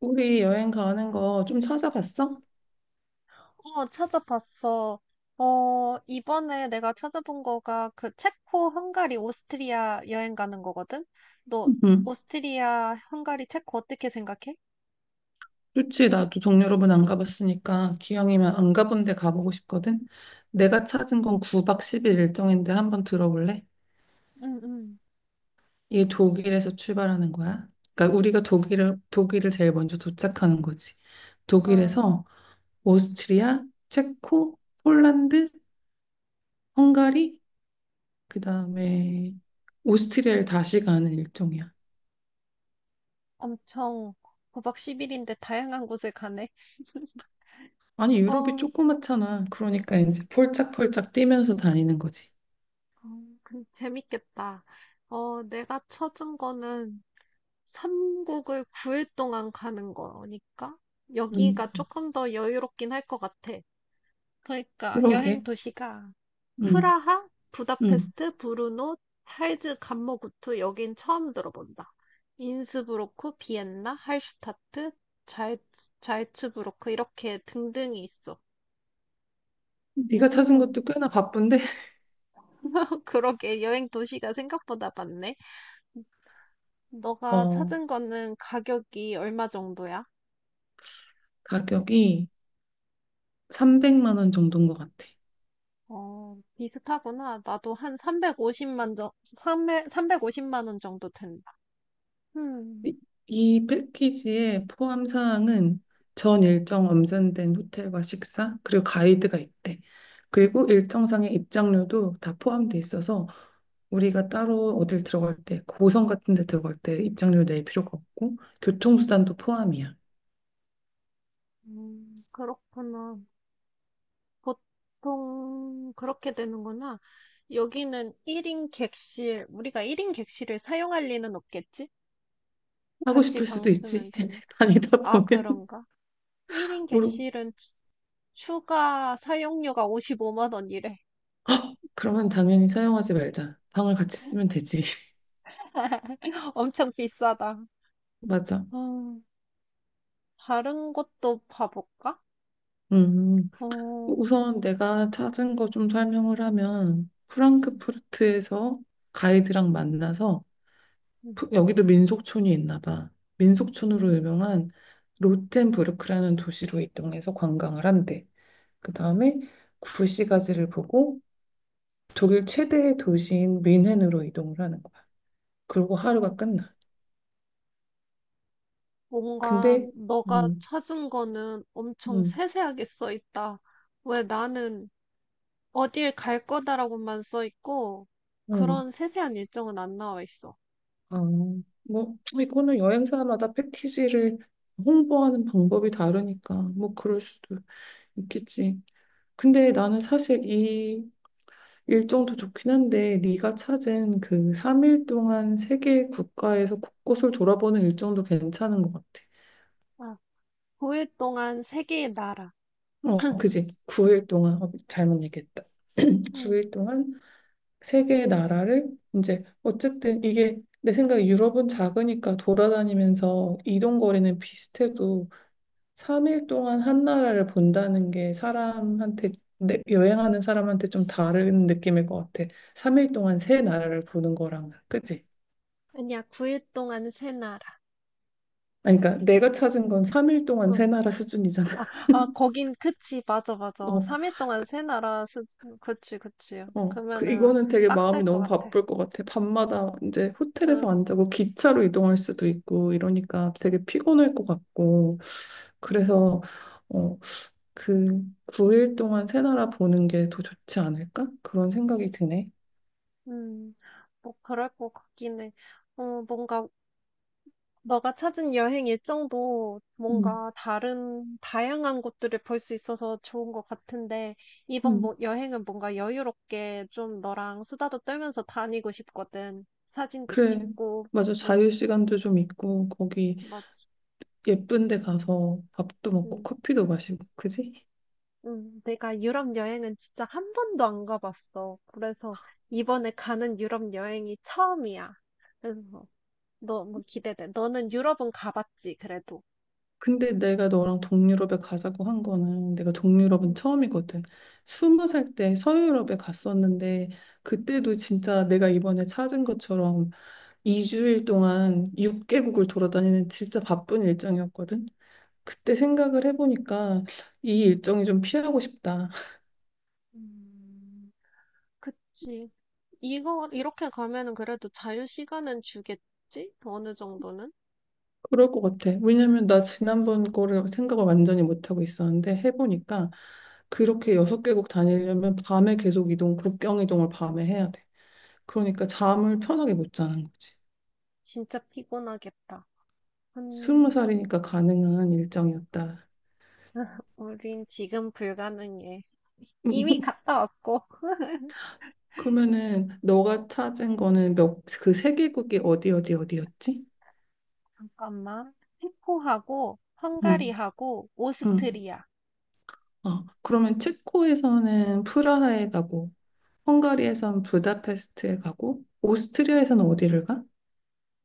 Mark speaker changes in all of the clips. Speaker 1: 우리 여행 가는 거 좀 찾아봤어?
Speaker 2: 어, 찾아봤어. 어, 이번에 내가 찾아본 거가 그 체코, 헝가리, 오스트리아 여행 가는 거거든? 너
Speaker 1: 응.
Speaker 2: 오스트리아, 헝가리, 체코 어떻게 생각해?
Speaker 1: 좋지. 나도 동유럽은안 가봤으니까 기왕이면 안 가본 데 가보고 싶거든. 내가 찾은 건 9박 10일 일정인데 한번 들어볼래?
Speaker 2: 응, 응.
Speaker 1: 이게 독일에서 출발하는 거야. 그러니까 우리가 독일을 제일 먼저 도착하는 거지.
Speaker 2: 아,
Speaker 1: 독일에서 오스트리아, 체코, 폴란드, 헝가리, 그다음에 오스트리아를 다시 가는 일정이야.
Speaker 2: 엄청 구박1일인데 다양한 곳을 가네.
Speaker 1: 아니, 유럽이
Speaker 2: 어,
Speaker 1: 조그맣잖아. 그러니까 이제 폴짝폴짝 뛰면서 다니는 거지.
Speaker 2: 그, 재밌겠다. 어, 내가 찾은 거는 3국을 9일 동안 가는 거니까
Speaker 1: 음,
Speaker 2: 여기가 조금 더 여유롭긴 할 것 같아. 그러니까 여행
Speaker 1: 그러게.
Speaker 2: 도시가
Speaker 1: 응,
Speaker 2: 프라하,
Speaker 1: 응.
Speaker 2: 부다페스트, 브루노, 할즈, 감모구트 여긴 처음 들어본다. 인스브로크, 비엔나, 할슈타트, 자이, 자이츠부르크 이렇게 등등이 있어.
Speaker 1: 네가 찾은
Speaker 2: 오,
Speaker 1: 것도 꽤나 바쁜데,
Speaker 2: 그러게 여행 도시가 생각보다 많네. 너가
Speaker 1: 어,
Speaker 2: 찾은 거는 가격이 얼마 정도야?
Speaker 1: 가격이 300만 원 정도인 것 같아.
Speaker 2: 어, 비슷하구나. 나도 한 350만 350만 원 정도 된다. 음,
Speaker 1: 이, 이 패키지의 포함 사항은 전 일정 엄선된 호텔과 식사, 그리고 가이드가 있대. 그리고 일정상의 입장료도 다 포함돼 있어서 우리가 따로 어딜 들어갈 때, 고성 같은 데 들어갈 때 입장료 낼 필요가 없고, 교통수단도 포함이야.
Speaker 2: 그렇구나. 보통 그렇게 되는구나. 여기는 1인 객실, 우리가 1인 객실을 사용할 리는 없겠지?
Speaker 1: 하고
Speaker 2: 같이
Speaker 1: 싶을
Speaker 2: 방
Speaker 1: 수도
Speaker 2: 쓰면
Speaker 1: 있지.
Speaker 2: 되니까.
Speaker 1: 다니다
Speaker 2: 아,
Speaker 1: 보면
Speaker 2: 그런가? 1인
Speaker 1: 모르고
Speaker 2: 객실은 추가 사용료가 55만 원이래.
Speaker 1: 헉, 그러면 당연히 사용하지 말자. 방을 같이 쓰면 되지.
Speaker 2: 엄청 비싸다.
Speaker 1: 맞아.
Speaker 2: 음, 다른 곳도 봐볼까?
Speaker 1: 음,
Speaker 2: 어,
Speaker 1: 우선 내가 찾은 거 좀 설명을 하면
Speaker 2: 음,
Speaker 1: 프랑크푸르트에서 가이드랑 만나서
Speaker 2: 음,
Speaker 1: 여기도 민속촌이 있나 봐. 민속촌으로
Speaker 2: 음.
Speaker 1: 유명한 로텐부르크라는 도시로 이동해서 관광을 한대. 그 다음에 구시가지를 보고 독일 최대의 도시인 뮌헨으로 이동을 하는 거야. 그리고 하루가
Speaker 2: 음.
Speaker 1: 끝나.
Speaker 2: 뭔가
Speaker 1: 근데
Speaker 2: 너가
Speaker 1: 음,
Speaker 2: 찾은 거는 엄청
Speaker 1: 음,
Speaker 2: 세세하게 써 있다. 왜 나는 어딜 갈 거다라고만 써 있고,
Speaker 1: 음,
Speaker 2: 그런 세세한 일정은 안 나와 있어.
Speaker 1: 아, 뭐 이거는 여행사마다 패키지를 홍보하는 방법이 다르니까 뭐 그럴 수도 있겠지. 근데 나는 사실 이 일정도 좋긴 한데 네가 찾은 그 3일 동안 세계 국가에서 곳곳을 돌아보는 일정도 괜찮은 것 같아.
Speaker 2: 아, 9일 동안 3개의 나라.
Speaker 1: 어, 그지? 9일 동안, 잘못 얘기했다.
Speaker 2: 음,
Speaker 1: 9일 동안 3개의 나라를 이제 어쨌든 이게 내 생각에 유럽은 작으니까 돌아다니면서 이동 거리는 비슷해도 3일 동안 한 나라를 본다는 게 사람한테 여행하는 사람한테 좀 다른 느낌일 것 같아. 3일 동안 세 나라를 보는 거랑 그치?
Speaker 2: 아니야, 9일 동안 세 나라.
Speaker 1: 아니, 그러니까 내가 찾은 건 3일 동안 세 나라 수준이잖아.
Speaker 2: 아, 아, 거긴, 그치, 맞아, 맞아.
Speaker 1: 어,
Speaker 2: 3일 동안 세 나라 그치, 그치.
Speaker 1: 어. 그
Speaker 2: 그러면은
Speaker 1: 이거는 되게
Speaker 2: 빡셀
Speaker 1: 마음이
Speaker 2: 것
Speaker 1: 너무
Speaker 2: 같아.
Speaker 1: 바쁠 것 같아. 밤마다 이제 호텔에서
Speaker 2: 응,
Speaker 1: 안 자고 기차로 이동할 수도 있고 이러니까 되게 피곤할 것 같고.
Speaker 2: 응,
Speaker 1: 그래서 어, 그 9일 동안 새 나라 보는 게 더 좋지 않을까? 그런 생각이 드네.
Speaker 2: 응. 뭐, 그럴 것 같긴 해. 어, 뭔가, 너가 찾은 여행 일정도
Speaker 1: 음,
Speaker 2: 뭔가 다른, 다양한 곳들을 볼 수 있어서 좋은 것 같은데, 이번
Speaker 1: 음.
Speaker 2: 뭐, 여행은 뭔가 여유롭게 좀 너랑 수다도 떨면서 다니고 싶거든. 사진도
Speaker 1: 그래.
Speaker 2: 찍고,
Speaker 1: 맞아. 자유
Speaker 2: 응,
Speaker 1: 시간도 좀 있고 거기
Speaker 2: 맞아.
Speaker 1: 예쁜 데 가서 밥도 먹고
Speaker 2: 응.
Speaker 1: 커피도 마시고 그지?
Speaker 2: 내가 유럽 여행은 진짜 한 번도 안 가봤어. 그래서 이번에 가는 유럽 여행이 처음이야. 그래서 너무 기대돼. 너는 유럽은 가봤지, 그래도.
Speaker 1: 근데 내가 너랑 동유럽에 가자고 한 거는 내가 동유럽은
Speaker 2: 음,
Speaker 1: 처음이거든. 20살 때 서유럽에 갔었는데 그때도 진짜 내가 이번에 찾은 것처럼 2주일 동안 6개국을 돌아다니는 진짜 바쁜 일정이었거든. 그때 생각을 해보니까 이 일정이 좀 피하고 싶다.
Speaker 2: 음, 그치. 이거, 이렇게 가면은 그래도 자유 시간은 주겠지? 어느 정도는?
Speaker 1: 그럴 것 같아. 왜냐면 나 지난번 거를 생각을 완전히 못하고 있었는데 해보니까 그렇게 6개국 다니려면 밤에 계속 이동, 국경 이동을 밤에 해야 돼.
Speaker 2: 어,
Speaker 1: 그러니까 잠을 편하게 못 자는 거지.
Speaker 2: 진짜 피곤하겠다.
Speaker 1: 스무
Speaker 2: 음,
Speaker 1: 살이니까 가능한 일정이었다.
Speaker 2: 우린 지금 불가능해. 이미 갔다 왔고.
Speaker 1: 그러면은 너가 찾은 거는 몇, 그 3개국이 어디 어디 어디였지?
Speaker 2: 잠깐만. 체코하고
Speaker 1: 응,
Speaker 2: 헝가리하고
Speaker 1: 응.
Speaker 2: 오스트리아.
Speaker 1: 어, 그러면 체코에서는 프라하에 가고 헝가리에선 부다페스트에 가고 오스트리아에서는 어디를 가?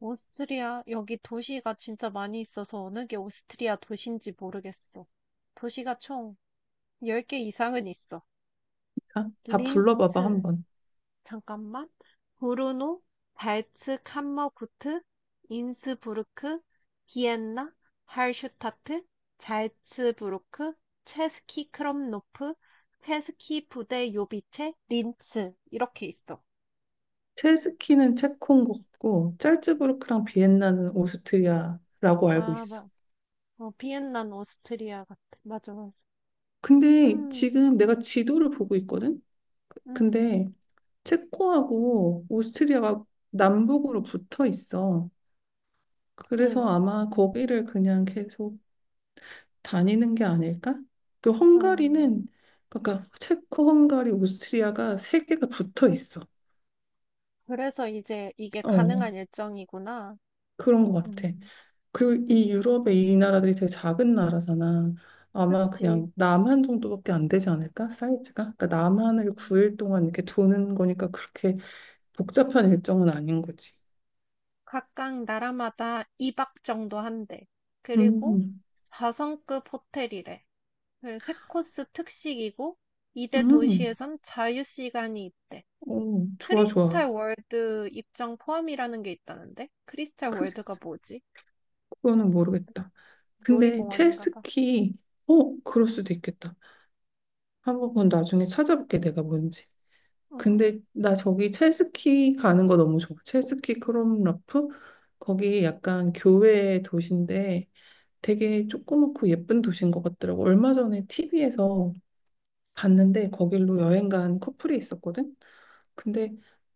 Speaker 2: 오스트리아, 여기 도시가 진짜 많이 있어서 어느 게 오스트리아 도시인지 모르겠어. 도시가 총 10개 이상은 있어.
Speaker 1: 다 불러봐봐
Speaker 2: 린츠,
Speaker 1: 한번.
Speaker 2: 잠깐만. 브루노, 발츠 캄머구트, 인스부르크, 비엔나, 할슈타트, 잘츠부르크, 체스키 크롬노프, 체스키 부데 요비체, 린츠. 이렇게 있어.
Speaker 1: 체스키는 체코인 것 같고 짤츠부르크랑 비엔나는 오스트리아라고 알고
Speaker 2: 아,
Speaker 1: 있어.
Speaker 2: 맞. 어, 비엔나는 오스트리아 같아. 맞아, 맞아.
Speaker 1: 근데
Speaker 2: 음,
Speaker 1: 지금 내가 지도를 보고 있거든?
Speaker 2: 음.
Speaker 1: 근데 체코하고 오스트리아가 남북으로 붙어 있어. 그래서
Speaker 2: 음,
Speaker 1: 아마 거기를 그냥 계속 다니는 게 아닐까? 그
Speaker 2: 음.
Speaker 1: 헝가리는 그러니까 체코, 헝가리, 오스트리아가 3개가 붙어 있어.
Speaker 2: 그래서 이제 이게
Speaker 1: 어,
Speaker 2: 가능한 일정이구나.
Speaker 1: 그런 것 같아.
Speaker 2: 음,
Speaker 1: 그리고 이 유럽의 이 나라들이 되게 작은 나라잖아. 아마
Speaker 2: 그치.
Speaker 1: 그냥 남한 정도밖에 안 되지 않을까? 사이즈가? 그러니까 남한을
Speaker 2: 음.
Speaker 1: 9일 동안 이렇게 도는 거니까 그렇게 복잡한 일정은 아닌 거지.
Speaker 2: 각각 나라마다 2박 정도 한대. 그리고
Speaker 1: 음,
Speaker 2: 4성급 호텔이래. 3코스 특식이고, 이
Speaker 1: 음,
Speaker 2: 대
Speaker 1: 음.
Speaker 2: 도시에선 자유시간이 있대.
Speaker 1: 어, 좋아,
Speaker 2: 크리스탈
Speaker 1: 좋아.
Speaker 2: 월드 입장 포함이라는 게 있다는데? 크리스탈
Speaker 1: 그,
Speaker 2: 월드가 뭐지?
Speaker 1: 그거는 모르겠다. 근데
Speaker 2: 놀이공원인가 봐.
Speaker 1: 체스키, 그럴 수도 있겠다. 한번 그건 나중에 찾아볼게, 내가 뭔지.
Speaker 2: 어,
Speaker 1: 근데 나 저기 첼스키 가는 거 너무 좋아. 첼스키 크롬라프? 거기 약간 교외 도시인데 되게 조그맣고 예쁜 도시인 것 같더라고. 얼마 전에 TV에서 봤는데 거길로 여행 간 커플이 있었거든? 근데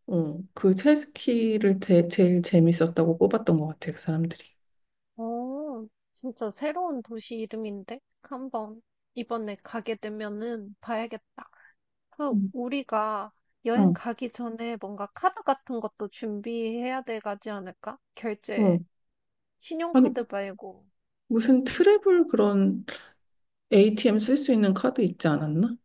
Speaker 1: 그 첼스키를 제일 재밌었다고 뽑았던 것 같아, 그 사람들이.
Speaker 2: 어, 진짜 새로운 도시 이름인데? 한 번 이번에 가게 되면은 봐야겠다. 그,
Speaker 1: 음,
Speaker 2: 우리가 여행
Speaker 1: 어.
Speaker 2: 가기 전에 뭔가 카드 같은 것도 준비해야 돼 가지 않을까? 결제,
Speaker 1: 어. 아니,
Speaker 2: 신용카드 말고.
Speaker 1: 무슨 트래블 그런 ATM 쓸 수 있는 카드 있지 않았나?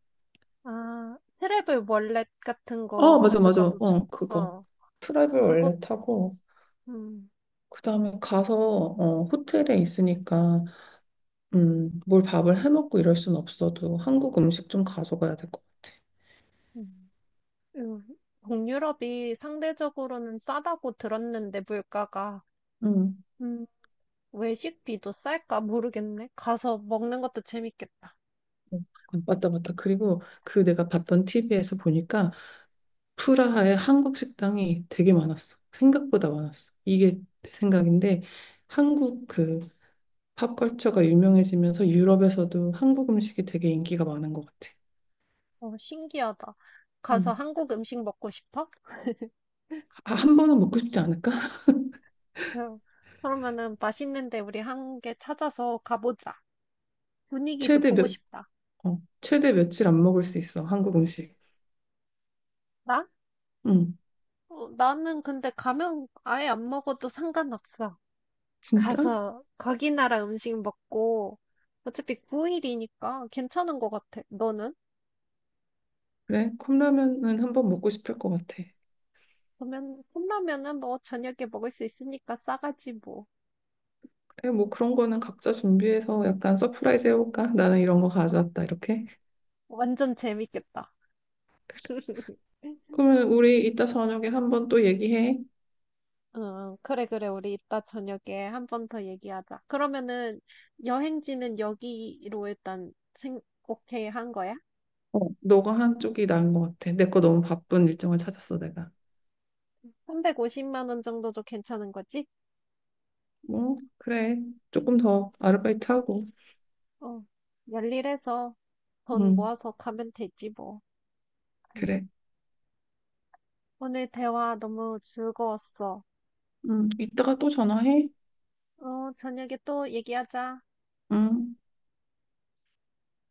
Speaker 2: 아, 트래블 월렛 같은 거
Speaker 1: 아, 맞아, 맞아.
Speaker 2: 가져가도 좋.
Speaker 1: 어, 그거.
Speaker 2: 어,
Speaker 1: 트래블
Speaker 2: 그것.
Speaker 1: 원래 타고
Speaker 2: 음,
Speaker 1: 그다음에 가서 호텔에 있으니까 뭘 밥을 해 먹고 이럴 순 없어도 한국 음식 좀 가져가야 될 것 같아.
Speaker 2: 음, 음. 동유럽이 상대적으로는 싸다고 들었는데, 물가가.
Speaker 1: 음.
Speaker 2: 외식비도 쌀까 모르겠네. 가서 먹는 것도 재밌겠다.
Speaker 1: 맞다, 맞다. 그리고 그 내가 봤던 TV에서 보니까 프라하에 한국 식당이 되게 많았어. 생각보다 많았어. 이게 내 생각인데 한국 그 팝컬처가 유명해지면서 유럽에서도 한국 음식이 되게 인기가 많은 것 같아.
Speaker 2: 어, 신기하다. 가서
Speaker 1: 음.
Speaker 2: 한국 음식 먹고 싶어?
Speaker 1: 아, 한 번은 먹고 싶지 않을까?
Speaker 2: 그 그러면은 맛있는데 우리 1개 찾아서 가보자. 분위기도
Speaker 1: 최대
Speaker 2: 보고
Speaker 1: 몇,
Speaker 2: 싶다.
Speaker 1: 최대 며칠 안 먹을 수 있어, 한국 음식.
Speaker 2: 나?
Speaker 1: 응.
Speaker 2: 어, 나는 근데 가면 아예 안 먹어도 상관없어.
Speaker 1: 진짜?
Speaker 2: 가서 거기 나라 음식 먹고 어차피 9일이니까 괜찮은 것 같아. 너는?
Speaker 1: 그래? 컵라면은 한번 먹고 싶을 것 같아.
Speaker 2: 그러면 컵라면은 뭐 저녁에 먹을 수 있으니까 싸가지 뭐.
Speaker 1: 그래, 뭐 그런 거는 각자 준비해서 약간 서프라이즈
Speaker 2: 음.
Speaker 1: 해볼까? 나는 이런 거
Speaker 2: 어,
Speaker 1: 가져왔다, 이렇게.
Speaker 2: 완전 재밌겠다.
Speaker 1: 그러면 우리 이따 저녁에 한번 또 얘기해.
Speaker 2: 응, 그래, 그래. 우리 이따 저녁에 한번 더 얘기하자. 그러면은 여행지는 여기로 일단 오케이 한 거야?
Speaker 1: 어, 너가 한쪽이 나은 것 같아. 내 거 너무 바쁜 일정을 찾았어, 내가.
Speaker 2: 350만 원 정도도 괜찮은 거지?
Speaker 1: 뭐, 그래. 조금 더 아르바이트 하고.
Speaker 2: 어, 열일해서 돈
Speaker 1: 응,
Speaker 2: 모아서 가면 되지 뭐. 음.
Speaker 1: 그래.
Speaker 2: 오늘 대화 너무 즐거웠어.
Speaker 1: 응, 이따가 또 전화해.
Speaker 2: 어, 저녁에 또 얘기하자.
Speaker 1: 응.